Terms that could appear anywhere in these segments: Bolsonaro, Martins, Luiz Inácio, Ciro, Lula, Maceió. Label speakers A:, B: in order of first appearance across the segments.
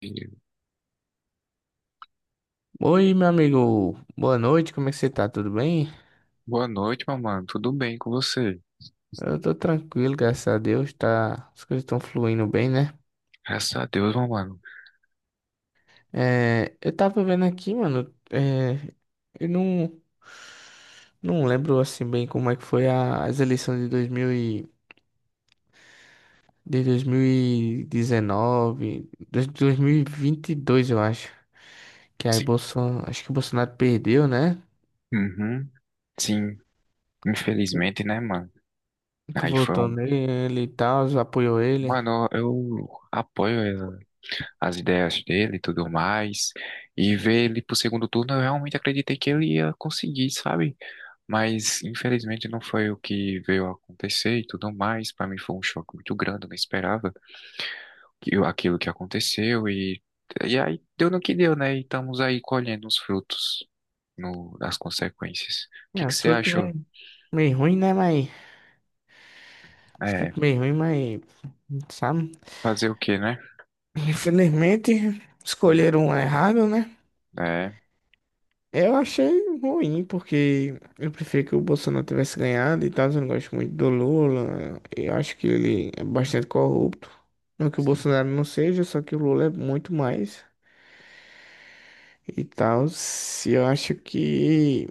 A: E
B: Oi, meu amigo. Boa noite, como é que você tá? Tudo bem?
A: boa noite, meu mano. Tudo bem com você?
B: Eu tô tranquilo, graças a Deus, tá. As coisas estão fluindo bem, né?
A: Graças a Deus, meu mano.
B: Eu tava vendo aqui, mano, eu não lembro, assim, bem como é que foi as eleições de 2000 e... de 2019, de dois, mil e vinte e dois, eu acho, que aí
A: Sim.
B: Bolsonaro, acho que o Bolsonaro perdeu, né?
A: Uhum. Sim. Infelizmente, né, mano?
B: Tu
A: Aí foi
B: votou
A: um.
B: nele e tal, apoiou ele.
A: Mano, eu apoio as ideias dele e tudo mais. E ver ele pro segundo turno, eu realmente acreditei que ele ia conseguir, sabe? Mas infelizmente não foi o que veio a acontecer e tudo mais. Pra mim foi um choque muito grande, eu não esperava aquilo que aconteceu. E aí deu no que deu, né? E estamos aí colhendo os frutos. No, das consequências. O que
B: É, um
A: que você
B: surto
A: achou?
B: meio ruim, né, mas...
A: É,
B: Fruto bem ruim, mas, sabe?
A: fazer o quê, né?
B: Infelizmente, escolheram um errado, né?
A: É,
B: Eu achei ruim, porque eu prefiro que o Bolsonaro tivesse ganhado e tal. Eu não gosto muito do Lula. Eu acho que ele é bastante corrupto. Não que o
A: sim,
B: Bolsonaro não seja, só que o Lula é muito mais e tal. Se eu acho que.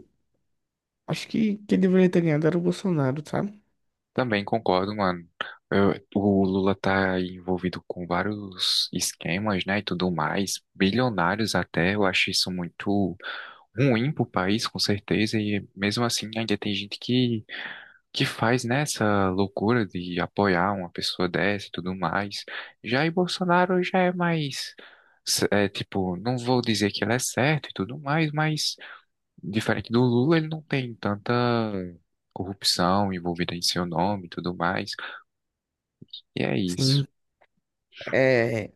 B: Acho que quem deveria ter ganhado era o Bolsonaro, sabe?
A: também concordo, mano. O Lula tá aí envolvido com vários esquemas, né, e tudo mais, bilionários até. Eu acho isso muito ruim pro país, com certeza. E mesmo assim, ainda tem gente que faz, né, essa loucura de apoiar uma pessoa dessa e tudo mais. Jair Bolsonaro já é mais, é, tipo, não vou dizer que ele é certo e tudo mais, mas diferente do Lula, ele não tem tanta corrupção envolvida em seu nome e tudo mais. E é isso.
B: Sim. É.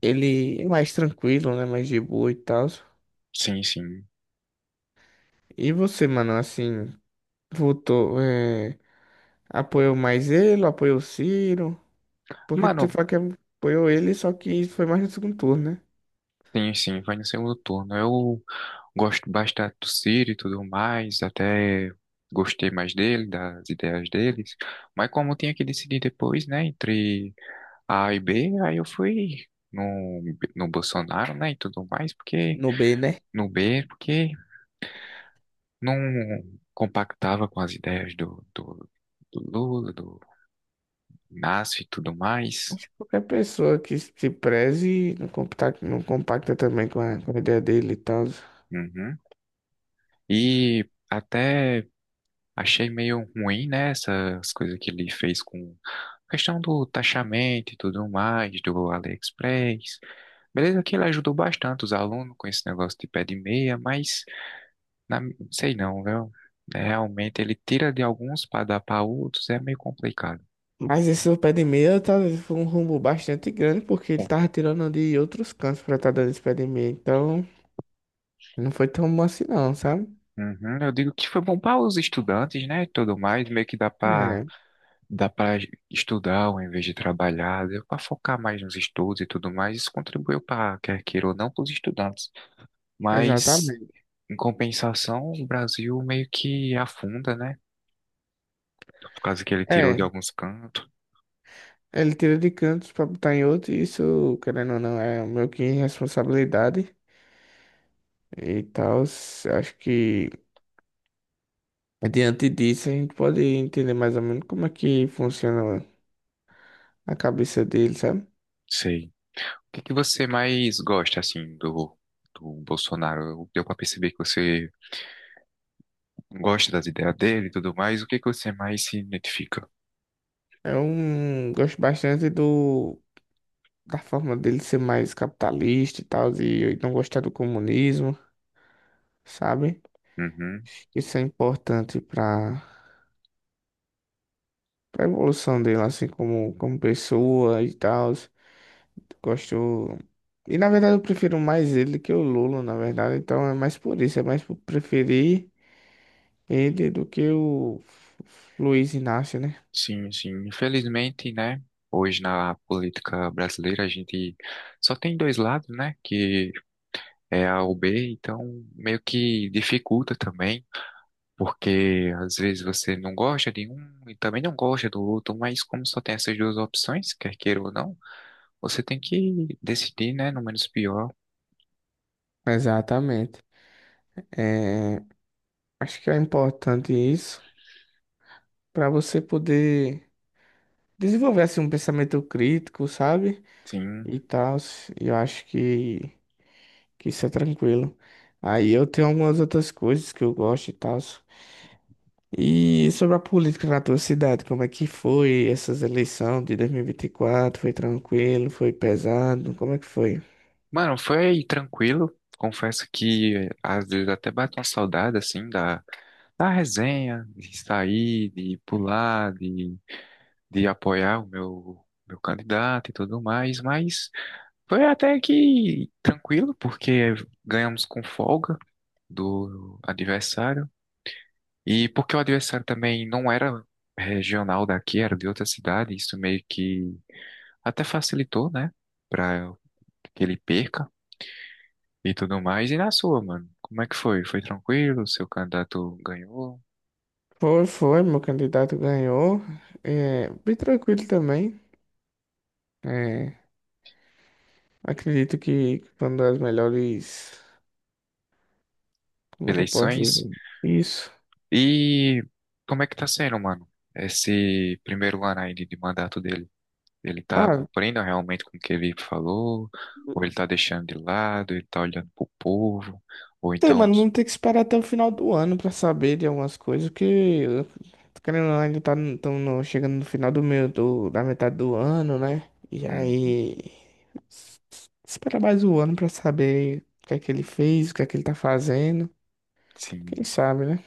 B: Ele é mais tranquilo, né? Mais de boa e tal.
A: Sim, sim.
B: E você, mano, assim. Votou, é, apoiou mais ele, apoiou o Ciro, porque te
A: Mano,
B: fala que apoiou ele, só que foi mais no segundo turno, né?
A: tem sim, vai no segundo turno. Eu gosto bastante do Ciro e tudo mais, até gostei mais dele, das ideias deles. Mas como eu tinha que decidir depois, né, entre A e B, aí eu fui no, no Bolsonaro, né, e tudo mais, porque
B: No B, né?
A: no B, porque não compactava com as ideias do Lula, do nasce e tudo mais.
B: Acho que qualquer pessoa que se preze não compacta, não compacta também com com a ideia dele e tal.
A: Uhum. E até achei meio ruim, né, essas coisas que ele fez com a questão do taxamento e tudo mais, do AliExpress. Beleza que ele ajudou bastante os alunos com esse negócio de pé de meia, mas na, sei não, viu? É, realmente ele tira de alguns para dar para outros, é meio complicado.
B: Mas esse seu pé de meia talvez foi um rumbo bastante grande, porque ele
A: Bom,
B: tava tirando de outros cantos pra estar dando esse pé de meia. Então, não foi tão bom assim não, sabe?
A: uhum, eu digo que foi bom para os estudantes, né, e tudo mais, meio que dá para
B: É,
A: dá para estudar ao invés de trabalhar, deu para focar mais nos estudos e tudo mais. Isso contribuiu para, quer queira ou não, para os estudantes. Mas,
B: exatamente.
A: em compensação, o Brasil meio que afunda, né? Por causa que ele tirou de
B: É,
A: alguns cantos.
B: ele tira de cantos pra botar em outro, e isso, querendo ou não, é meio que responsabilidade e tal. Acho que diante disso a gente pode entender mais ou menos como é que funciona a cabeça dele, sabe?
A: Sei. O que que você mais gosta, assim, do Bolsonaro? Deu para perceber que você gosta das ideias dele e tudo mais. O que que você mais se identifica?
B: É um. Gosto bastante do da forma dele ser mais capitalista e tal, e não gostar do comunismo, sabe?
A: Uhum.
B: Isso é importante pra para evolução dele, assim, como pessoa e tal. Gosto. E na verdade eu prefiro mais ele do que o Lula, na verdade. Então é mais por isso, é mais por preferir ele do que o Luiz Inácio, né?
A: Sim, sim. Infelizmente, né? Hoje na política brasileira a gente só tem dois lados, né? Que é A ou B, então meio que dificulta também, porque às vezes você não gosta de um e também não gosta do outro, mas como só tem essas duas opções, quer queira ou não, você tem que decidir, né? No menos pior.
B: Exatamente. É, acho que é importante isso para você poder desenvolver assim, um pensamento crítico, sabe?
A: Sim.
B: E tal. E eu acho que isso é tranquilo. Aí eu tenho algumas outras coisas que eu gosto e tal. E sobre a política na tua cidade, como é que foi essas eleições de 2024? Foi tranquilo? Foi pesado? Como é que foi?
A: Mano, foi tranquilo. Confesso que às vezes até bate uma saudade, assim, da resenha, de sair, de pular, de apoiar o meu candidato e tudo mais, mas foi até que tranquilo, porque ganhamos com folga do adversário, e porque o adversário também não era regional daqui, era de outra cidade, isso meio que até facilitou, né, para que ele perca e tudo mais. E na sua, mano, como é que foi? Foi tranquilo? Seu candidato ganhou?
B: Foi, meu candidato ganhou. É, bem tranquilo também. É, acredito que foi uma das melhores. Como é que eu posso
A: Eleições?
B: dizer isso?
A: E como é que tá sendo, mano? Esse primeiro ano aí de mandato dele, ele tá
B: Ah,
A: cumprindo realmente com o que ele falou? Ou ele tá deixando de lado, ele tá olhando pro povo? Ou
B: tem,
A: então,
B: mano, vamos ter que esperar até o final do ano pra saber de algumas coisas, que eu, tô querendo ou não, ainda tá no- tão no- chegando no final do meu, do, da metade do ano, né? E
A: hum,
B: aí, esperar mais um ano pra saber o que é que ele fez, o que é que ele tá fazendo, quem
A: sim,
B: sabe, né?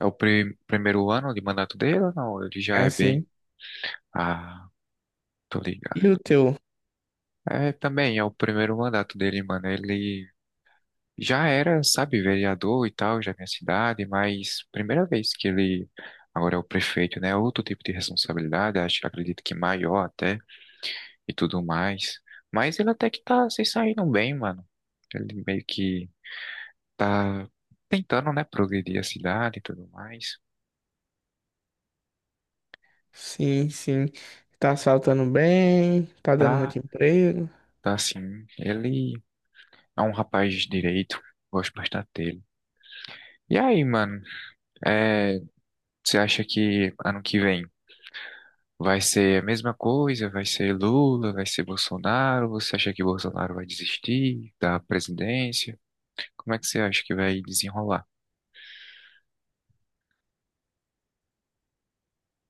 A: é o primeiro ano de mandato dele ou não? Ele já
B: É
A: é bem...
B: sim.
A: Ah, tô
B: E o
A: ligado.
B: teu?
A: É, também é o primeiro mandato dele, mano. Ele já era, sabe, vereador e tal, já é minha cidade, mas primeira vez que ele agora é o prefeito, né? É outro tipo de responsabilidade, acho, acredito que maior até e tudo mais. Mas ele até que tá se saindo bem, mano. Ele meio que tá tentando, né, progredir a cidade e tudo mais.
B: Sim, sim. Tá saltando bem, tá dando
A: Tá,
B: muito emprego.
A: tá assim. Ele é um rapaz de direito, gosto bastante dele. E aí, mano, é, você acha que ano que vem? Vai ser a mesma coisa? Vai ser Lula? Vai ser Bolsonaro? Você acha que Bolsonaro vai desistir da presidência? Como é que você acha que vai desenrolar?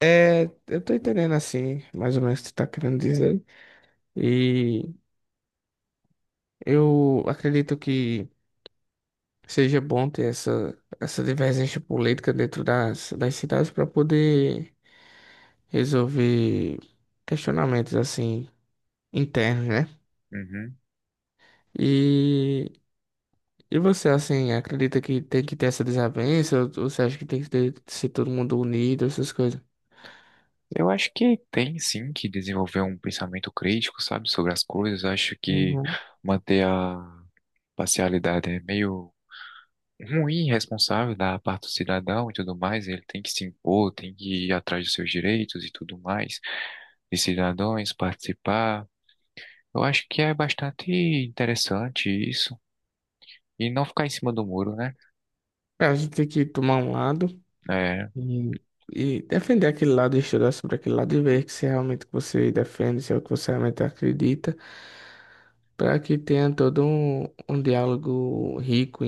B: É, eu tô entendendo assim, mais ou menos o que tu tá querendo dizer. E eu acredito que seja bom ter essa divergência política dentro das cidades para poder resolver questionamentos assim internos, né?
A: Uhum.
B: E, e você assim acredita que tem que ter essa desavença? Ou você acha que tem que ter, ser todo mundo unido, essas coisas?
A: Eu acho que tem sim que desenvolver um pensamento crítico, sabe, sobre as coisas. Acho que
B: Uhum.
A: manter a parcialidade é meio ruim, irresponsável da parte do cidadão e tudo mais. Ele tem que se impor, tem que ir atrás dos seus direitos e tudo mais, de cidadãos participar. Eu acho que é bastante interessante isso. E não ficar em cima do muro, né?
B: É, a gente tem que tomar um lado
A: É,
B: e, e defender aquele lado, estudar sobre aquele lado e ver se é realmente o que você defende, se é o que você realmente acredita, para que tenha todo um, um diálogo rico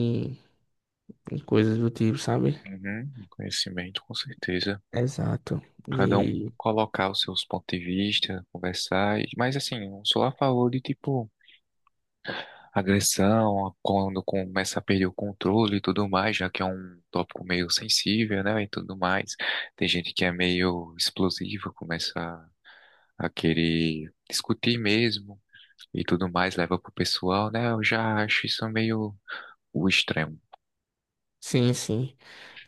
B: e coisas do tipo, sabe?
A: uhum, conhecimento, com certeza.
B: Exato.
A: Cada um
B: E
A: colocar os seus pontos de vista, conversar. Mas assim, eu sou a favor de, tipo, agressão, quando começa a perder o controle e tudo mais, já que é um tópico meio sensível, né? E tudo mais. Tem gente que é meio explosiva, começa a querer discutir mesmo e tudo mais, leva pro pessoal, né? Eu já acho isso meio o extremo,
B: sim, sim.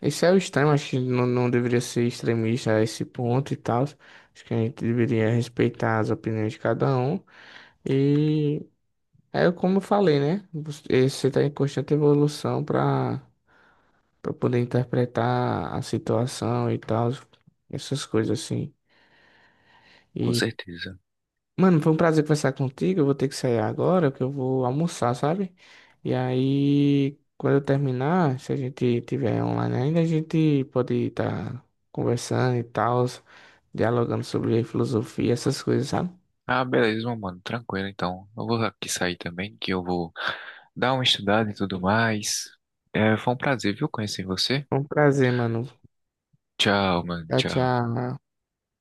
B: Esse é o extremo, acho que não, não deveria ser extremista a esse ponto e tal. Acho que a gente deveria respeitar as opiniões de cada um. E é como eu falei, né? Você está em constante evolução para poder interpretar a situação e tal, essas coisas assim.
A: com
B: E
A: certeza.
B: mano, foi um prazer conversar contigo. Eu vou ter que sair agora, que eu vou almoçar, sabe? E aí, quando eu terminar, se a gente tiver online ainda, a gente pode estar conversando e tal, dialogando sobre filosofia, essas coisas, sabe?
A: Ah, beleza, meu mano. Tranquilo, então. Eu vou aqui sair também, que eu vou dar uma estudada e tudo mais. É, foi um prazer, viu, conhecer você.
B: Foi um prazer, mano.
A: Tchau, mano.
B: Tchau,
A: Tchau.
B: tchau.